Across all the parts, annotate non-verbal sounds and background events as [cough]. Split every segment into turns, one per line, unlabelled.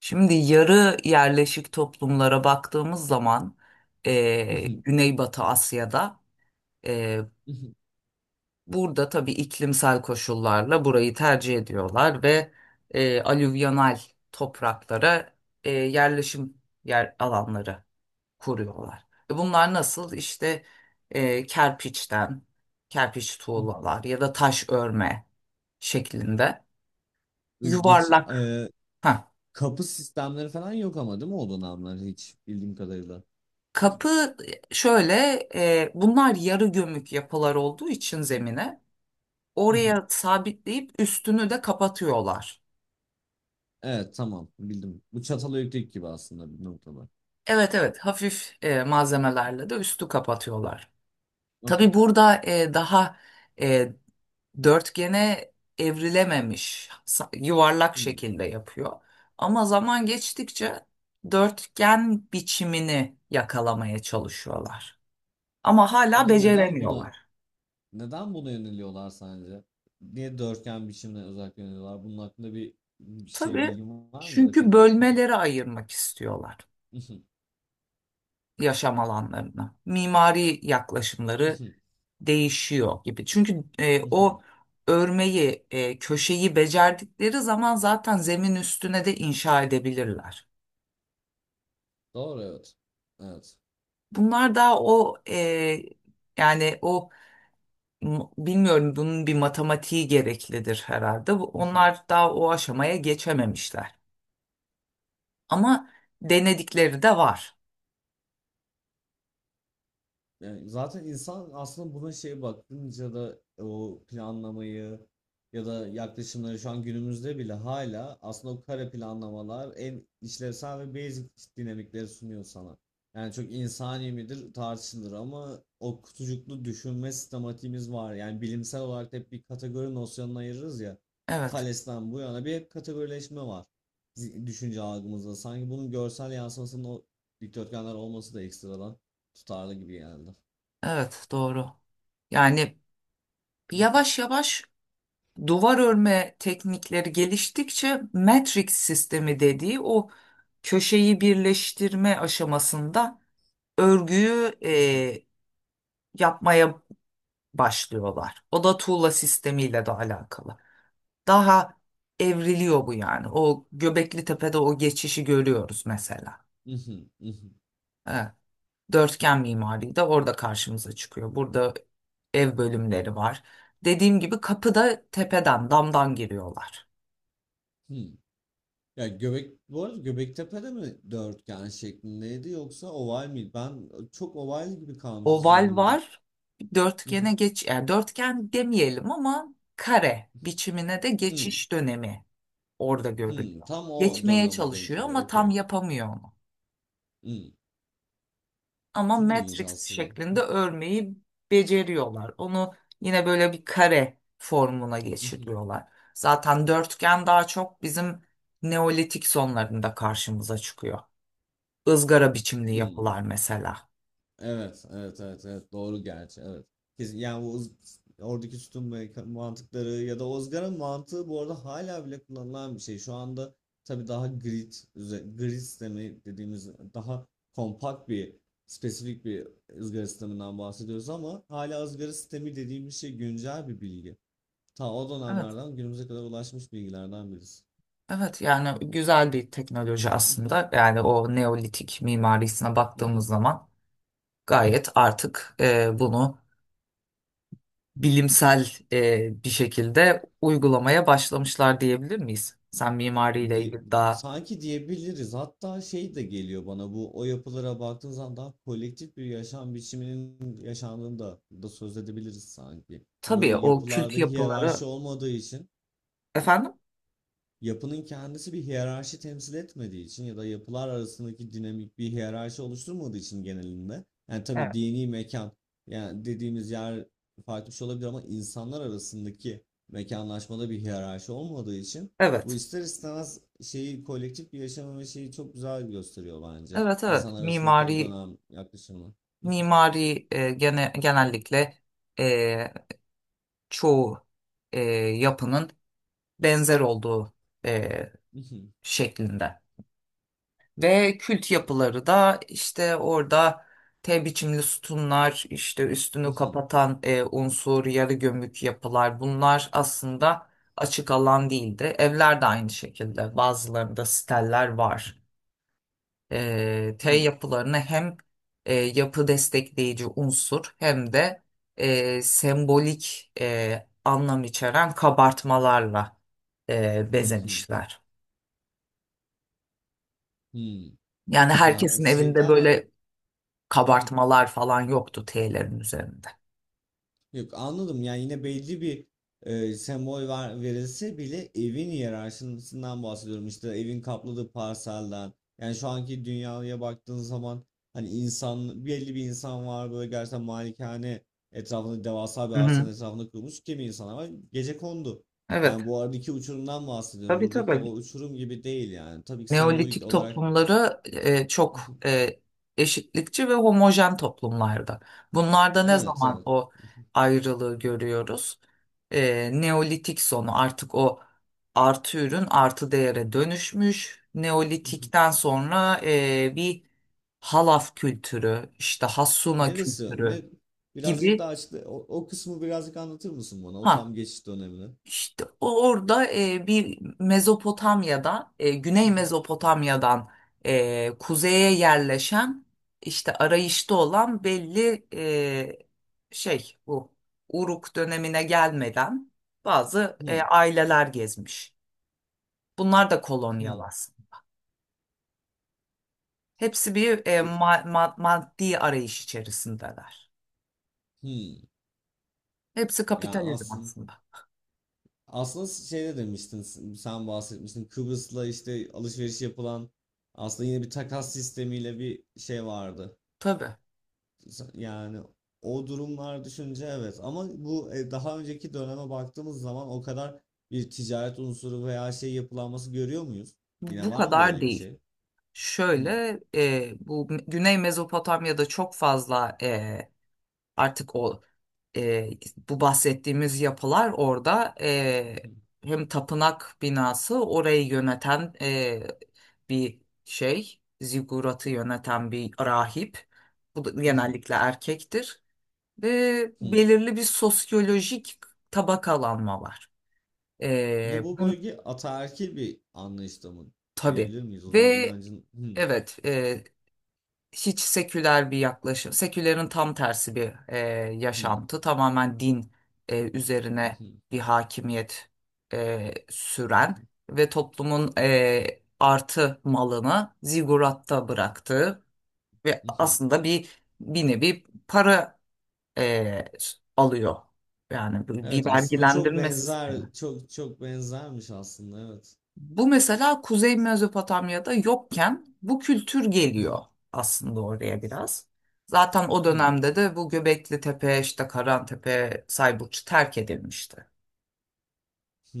Şimdi yarı yerleşik toplumlara baktığımız zaman,
Hı hı,
Güneybatı Asya'da, eee,
hı hı,
burada tabii iklimsel koşullarla burayı tercih ediyorlar ve alüvyonal topraklara, yerleşim yer alanları kuruyorlar. Bunlar nasıl? İşte kerpiçten, kerpiç
hı hı.
tuğlalar ya da taş örme şeklinde
Böyle geç,
yuvarlak.
e,
Heh,
Kapı sistemleri falan yok ama, değil mi, o dönemler hiç bildiğim kadarıyla. Hı
Kapı, şöyle, bunlar yarı gömük yapılar olduğu için
hı,
zemine
hı hı.
oraya sabitleyip üstünü de kapatıyorlar.
Evet, tamam, bildim. Bu Çatalhöyük gibi aslında bir noktada.
Evet, evet, hafif malzemelerle de üstü kapatıyorlar. Tabii
Okey.
burada, daha, e, dörtgene evrilememiş, yuvarlak
Hmm.
şekilde yapıyor. Ama zaman geçtikçe dörtgen biçimini yakalamaya çalışıyorlar. Ama hala
Peki neden buna
beceremiyorlar.
Neden buna yöneliyorlar sence? Niye dörtgen biçimine özellikle yöneliyorlar? Bunun hakkında bir şey
Tabii,
bilgin var mı ya da
çünkü
fikrin? [laughs]
bölmelere ayırmak istiyorlar
Mhm,
yaşam alanlarını. Mimari yaklaşımları
mhm,
değişiyor gibi. Çünkü
mhm,
o
mhm.
örmeyi, köşeyi becerdikleri zaman zaten zemin üstüne de inşa edebilirler.
Doğru, evet. Evet.
Bunlar daha o, yani o, bilmiyorum, bunun bir matematiği gereklidir herhalde.
[laughs]
Onlar daha o aşamaya geçememişler. Ama denedikleri de var.
Yani zaten insan aslında buna şey bakınca da o planlamayı ya da yaklaşımları, şu an günümüzde bile hala aslında o kare planlamalar en işlevsel ve basic dinamikleri sunuyor sana. Yani çok insani midir tartışılır ama o kutucuklu düşünme sistematiğimiz var. Yani bilimsel olarak hep bir kategori nosyonuna ayırırız ya.
Evet,
Thales'ten bu yana bir hep kategorileşme var düşünce algımızda. Sanki bunun görsel yansımasının o dikdörtgenler olması da ekstradan tutarlı gibi geldi.
evet, doğru. Yani yavaş
[laughs]
yavaş duvar örme teknikleri geliştikçe matrix sistemi dediği o köşeyi birleştirme aşamasında örgüyü yapmaya başlıyorlar. O da tuğla sistemiyle de alakalı. Daha evriliyor bu yani. O Göbekli Tepe'de o geçişi görüyoruz mesela. Evet. Dörtgen mimari de orada karşımıza çıkıyor. Burada ev bölümleri var. Dediğim gibi kapıda tepeden, damdan giriyorlar.
Ya göbek, bu arada, Göbektepe'de mi dörtgen şeklindeydi, yoksa oval miydi? Ben çok oval gibi kalmış
Oval
zihnimde.
var. Dörtgene
[laughs]
geç, yani dörtgen demeyelim ama kare biçimine de
Hmm,
geçiş dönemi orada
hmm.
görülüyor.
Tam o
Geçmeye
döneme denk
çalışıyor
geliyor.
ama tam
Okey.
yapamıyor onu.
Hmm.
Ama
Çok ilginç
Matrix
aslında.
şeklinde örmeyi beceriyorlar. Onu yine böyle bir kare formuna
[laughs]
geçiriyorlar. Zaten dörtgen daha çok bizim Neolitik sonlarında karşımıza çıkıyor. Izgara biçimli
Hmm.
yapılar mesela.
Evet, evet, evet, evet. Doğru gerçi, evet. Kesin, yani bu oradaki mantıkları ya da ızgara mantığı, bu arada, hala bile kullanılan bir şey. Şu anda tabii daha grid, grid sistemi dediğimiz daha kompakt bir, spesifik bir ızgara sisteminden bahsediyoruz ama hala ızgara sistemi dediğimiz şey güncel bir bilgi. Ta o
Evet.
dönemlerden günümüze kadar ulaşmış bilgilerden birisi.
Evet, yani güzel bir teknoloji aslında. Yani o neolitik mimarisine baktığımız
[laughs]
zaman gayet artık, bunu bilimsel bir şekilde uygulamaya başlamışlar diyebilir miyiz? Sen mimariyle
Di-
ilgili daha
Sanki diyebiliriz. Hatta şey de geliyor bana, bu, o yapılara baktığın zaman daha kolektif bir yaşam biçiminin yaşandığını da söz edebiliriz sanki. Ya böyle
tabii o
yapılarda
kültü yapıları,
hiyerarşi olmadığı için,
efendim?
yapının kendisi bir hiyerarşi temsil etmediği için ya da yapılar arasındaki dinamik bir hiyerarşi oluşturmadığı için genelinde, yani tabii
Evet.
dini mekan, yani dediğimiz yer farklı bir şey olabilir ama insanlar arasındaki mekanlaşmada bir hiyerarşi olmadığı için bu
Evet.
ister istemez şeyi, kolektif bir yaşamı ve şeyi çok güzel gösteriyor bence.
Evet, evet.
İnsanlar arasındaki o
Mimari
dönem yaklaşımı.
mimari genellikle, e, çoğu e, yapının benzer olduğu e, şeklinde. Ve kült yapıları da işte orada T biçimli sütunlar, işte üstünü
[laughs]
kapatan unsur, yarı gömük yapılar, bunlar aslında açık alan değildi. Evler de aynı şekilde bazılarında steller var. T yapılarını hem yapı destekleyici unsur hem de sembolik anlam içeren kabartmalarla bezemişler. Yani
Ya
herkesin evinde
şeyden de.
böyle
[laughs]
kabartmalar falan yoktu T'lerin üzerinde.
Yok, anladım. Yani yine belli bir sembol verilse bile, evin hiyerarşisinden bahsediyorum, işte evin kapladığı parselden. Yani şu anki dünyaya baktığın zaman, hani insan, belli bir insan var, böyle gerçekten malikane etrafında, devasa bir
Hı hı.
arsanın etrafında kurulmuş; kimi insanlar var gecekondu. Yani
Evet.
bu aradaki uçurumdan bahsediyorum,
Tabii,
buradaki o
tabii.
uçurum gibi değil yani, tabii ki sembolik
Neolitik
olarak.
toplumları çok
[laughs]
eşitlikçi ve homojen toplumlardı. Bunlarda ne
Evet,
zaman
evet.
o ayrılığı görüyoruz? Neolitik sonu artık o artı ürün artı değere dönüşmüş.
[laughs]
Neolitikten sonra bir halaf kültürü, işte Hassuna
Neresi?
kültürü
Ne? Birazcık daha
gibi.
açıkla. O, o kısmı birazcık anlatır mısın bana? O tam
Ha,
geçiş dönemini.
İşte orada, bir Mezopotamya'da, Güney
[laughs]
Mezopotamya'dan kuzeye yerleşen, işte arayışta olan belli, şey, bu Uruk dönemine gelmeden bazı
Hmm,
aileler gezmiş. Bunlar da kolonyal
hmm,
aslında. Hepsi bir,
u-
maddi arayış içerisindeler.
hmm.
Hepsi
Yani
kapitalizm aslında.
aslında şeyde demiştin, sen bahsetmiştin, Kıbrıs'la işte alışveriş yapılan, aslında yine bir takas sistemiyle bir şey vardı.
Tabii
Yani o durumlar düşünce evet, ama bu, daha önceki döneme baktığımız zaman o kadar bir ticaret unsuru veya şey yapılanması görüyor muyuz?
bu
Yine
bu
var mı
kadar
böyle bir
değil.
şey? Hmm.
Şöyle, bu Güney Mezopotamya'da çok fazla, artık o, e, bu bahsettiğimiz yapılar orada, hem tapınak binası orayı yöneten, bir şey ziguratı yöneten bir rahip, bu da
Hı hı,
genellikle erkektir ve
hı.
belirli bir sosyolojik tabakalanma var.
Yine
E,
bu
bun,
bölge ataerkil bir anlayışta mı
tabii
diyebilir miyiz? O
ve
zaman inancın hı.
evet, hiç seküler bir yaklaşım, sekülerin tam tersi bir
Hı,
yaşantı, tamamen din
hı
üzerine
hı,
bir hakimiyet
hı
süren
hı,
ve toplumun artı malını ziguratta bıraktığı ve
hı.
aslında bir nevi para e, alıyor. Yani bir
Evet,
bir
aslında çok
vergilendirme sistemi.
benzer, çok çok benzermiş aslında, evet.
Bu mesela Kuzey Mezopotamya'da yokken bu kültür
Hı
geliyor
hı,
aslında oraya biraz. Zaten o
hı
dönemde de bu Göbekli Tepe, işte Karantepe, Sayburç terk edilmişti.
hı.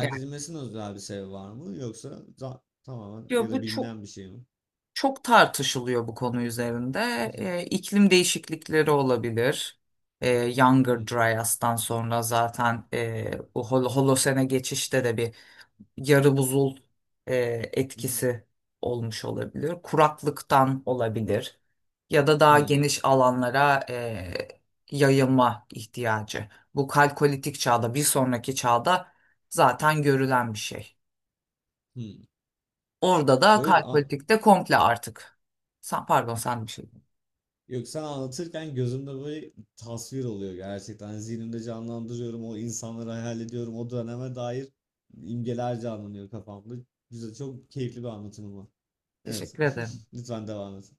Yani
edilmesinin özel bir sebebi var mı, yoksa tamamen ya
diyor
da
bu, çok
bilinen bir şey mi?
çok tartışılıyor bu konu üzerinde.
Hı hı,
İklim değişiklikleri olabilir. Ee,
hı
Younger Dryas'tan sonra zaten bu Holosen'e geçişte de bir yarı buzul e,
hı,
etkisi olmuş olabilir. Kuraklıktan olabilir ya da
hı
daha
hı.
geniş alanlara yayılma ihtiyacı. Bu kalkolitik çağda, bir sonraki çağda zaten görülen bir şey. Orada da
Böyle.
kalkolitikte komple artık. Sen, pardon, sen bir şey.
Yok, sen anlatırken gözümde böyle tasvir oluyor gerçekten. Hani zihnimde canlandırıyorum, o insanları hayal ediyorum. O döneme dair imgeler canlanıyor kafamda. Güzel, çok keyifli bir anlatım ama. Evet.
Teşekkür ederim.
[laughs] Lütfen devam et.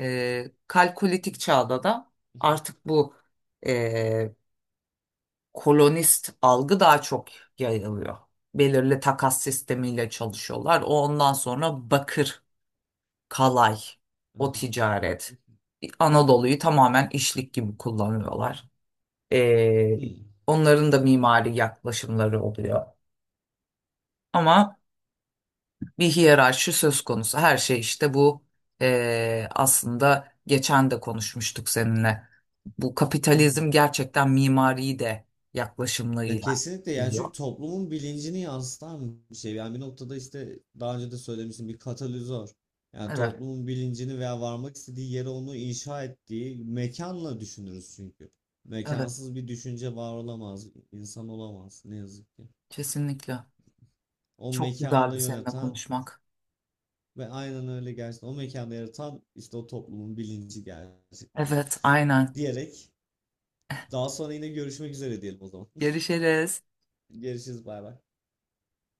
Kalkolitik çağda da
[laughs]
artık bu, e, kolonist algı daha çok yayılıyor. Belirli takas sistemiyle çalışıyorlar. Ondan sonra bakır, kalay, o ticaret. Anadolu'yu tamamen işlik gibi kullanıyorlar. Ee,
Hmm.
onların da mimari yaklaşımları oluyor. Ama bir hiyerarşi söz konusu. Her şey işte bu, aslında geçen de konuşmuştuk seninle. Bu kapitalizm
[laughs]
gerçekten mimari de
Ya
yaklaşımlarıyla
kesinlikle, yani,
gidiyor.
çünkü toplumun bilincini yansıtan bir şey. Yani bir noktada, işte daha önce de söylemiştim, bir katalizör. Yani
Evet.
toplumun bilincini veya varmak istediği yere onu inşa ettiği mekanla düşünürüz çünkü.
Evet.
Mekansız bir düşünce var olamaz, insan olamaz ne yazık ki.
Kesinlikle.
O
Çok
mekanı da
güzeldi seninle
yöneten
konuşmak.
ve aynen öyle, gerçekten o mekanda yaratan, işte o toplumun bilinci gerçekten.
Evet, aynen.
Diyerek, daha sonra yine görüşmek üzere diyelim o zaman.
Görüşürüz.
[laughs] Görüşürüz, bay bay.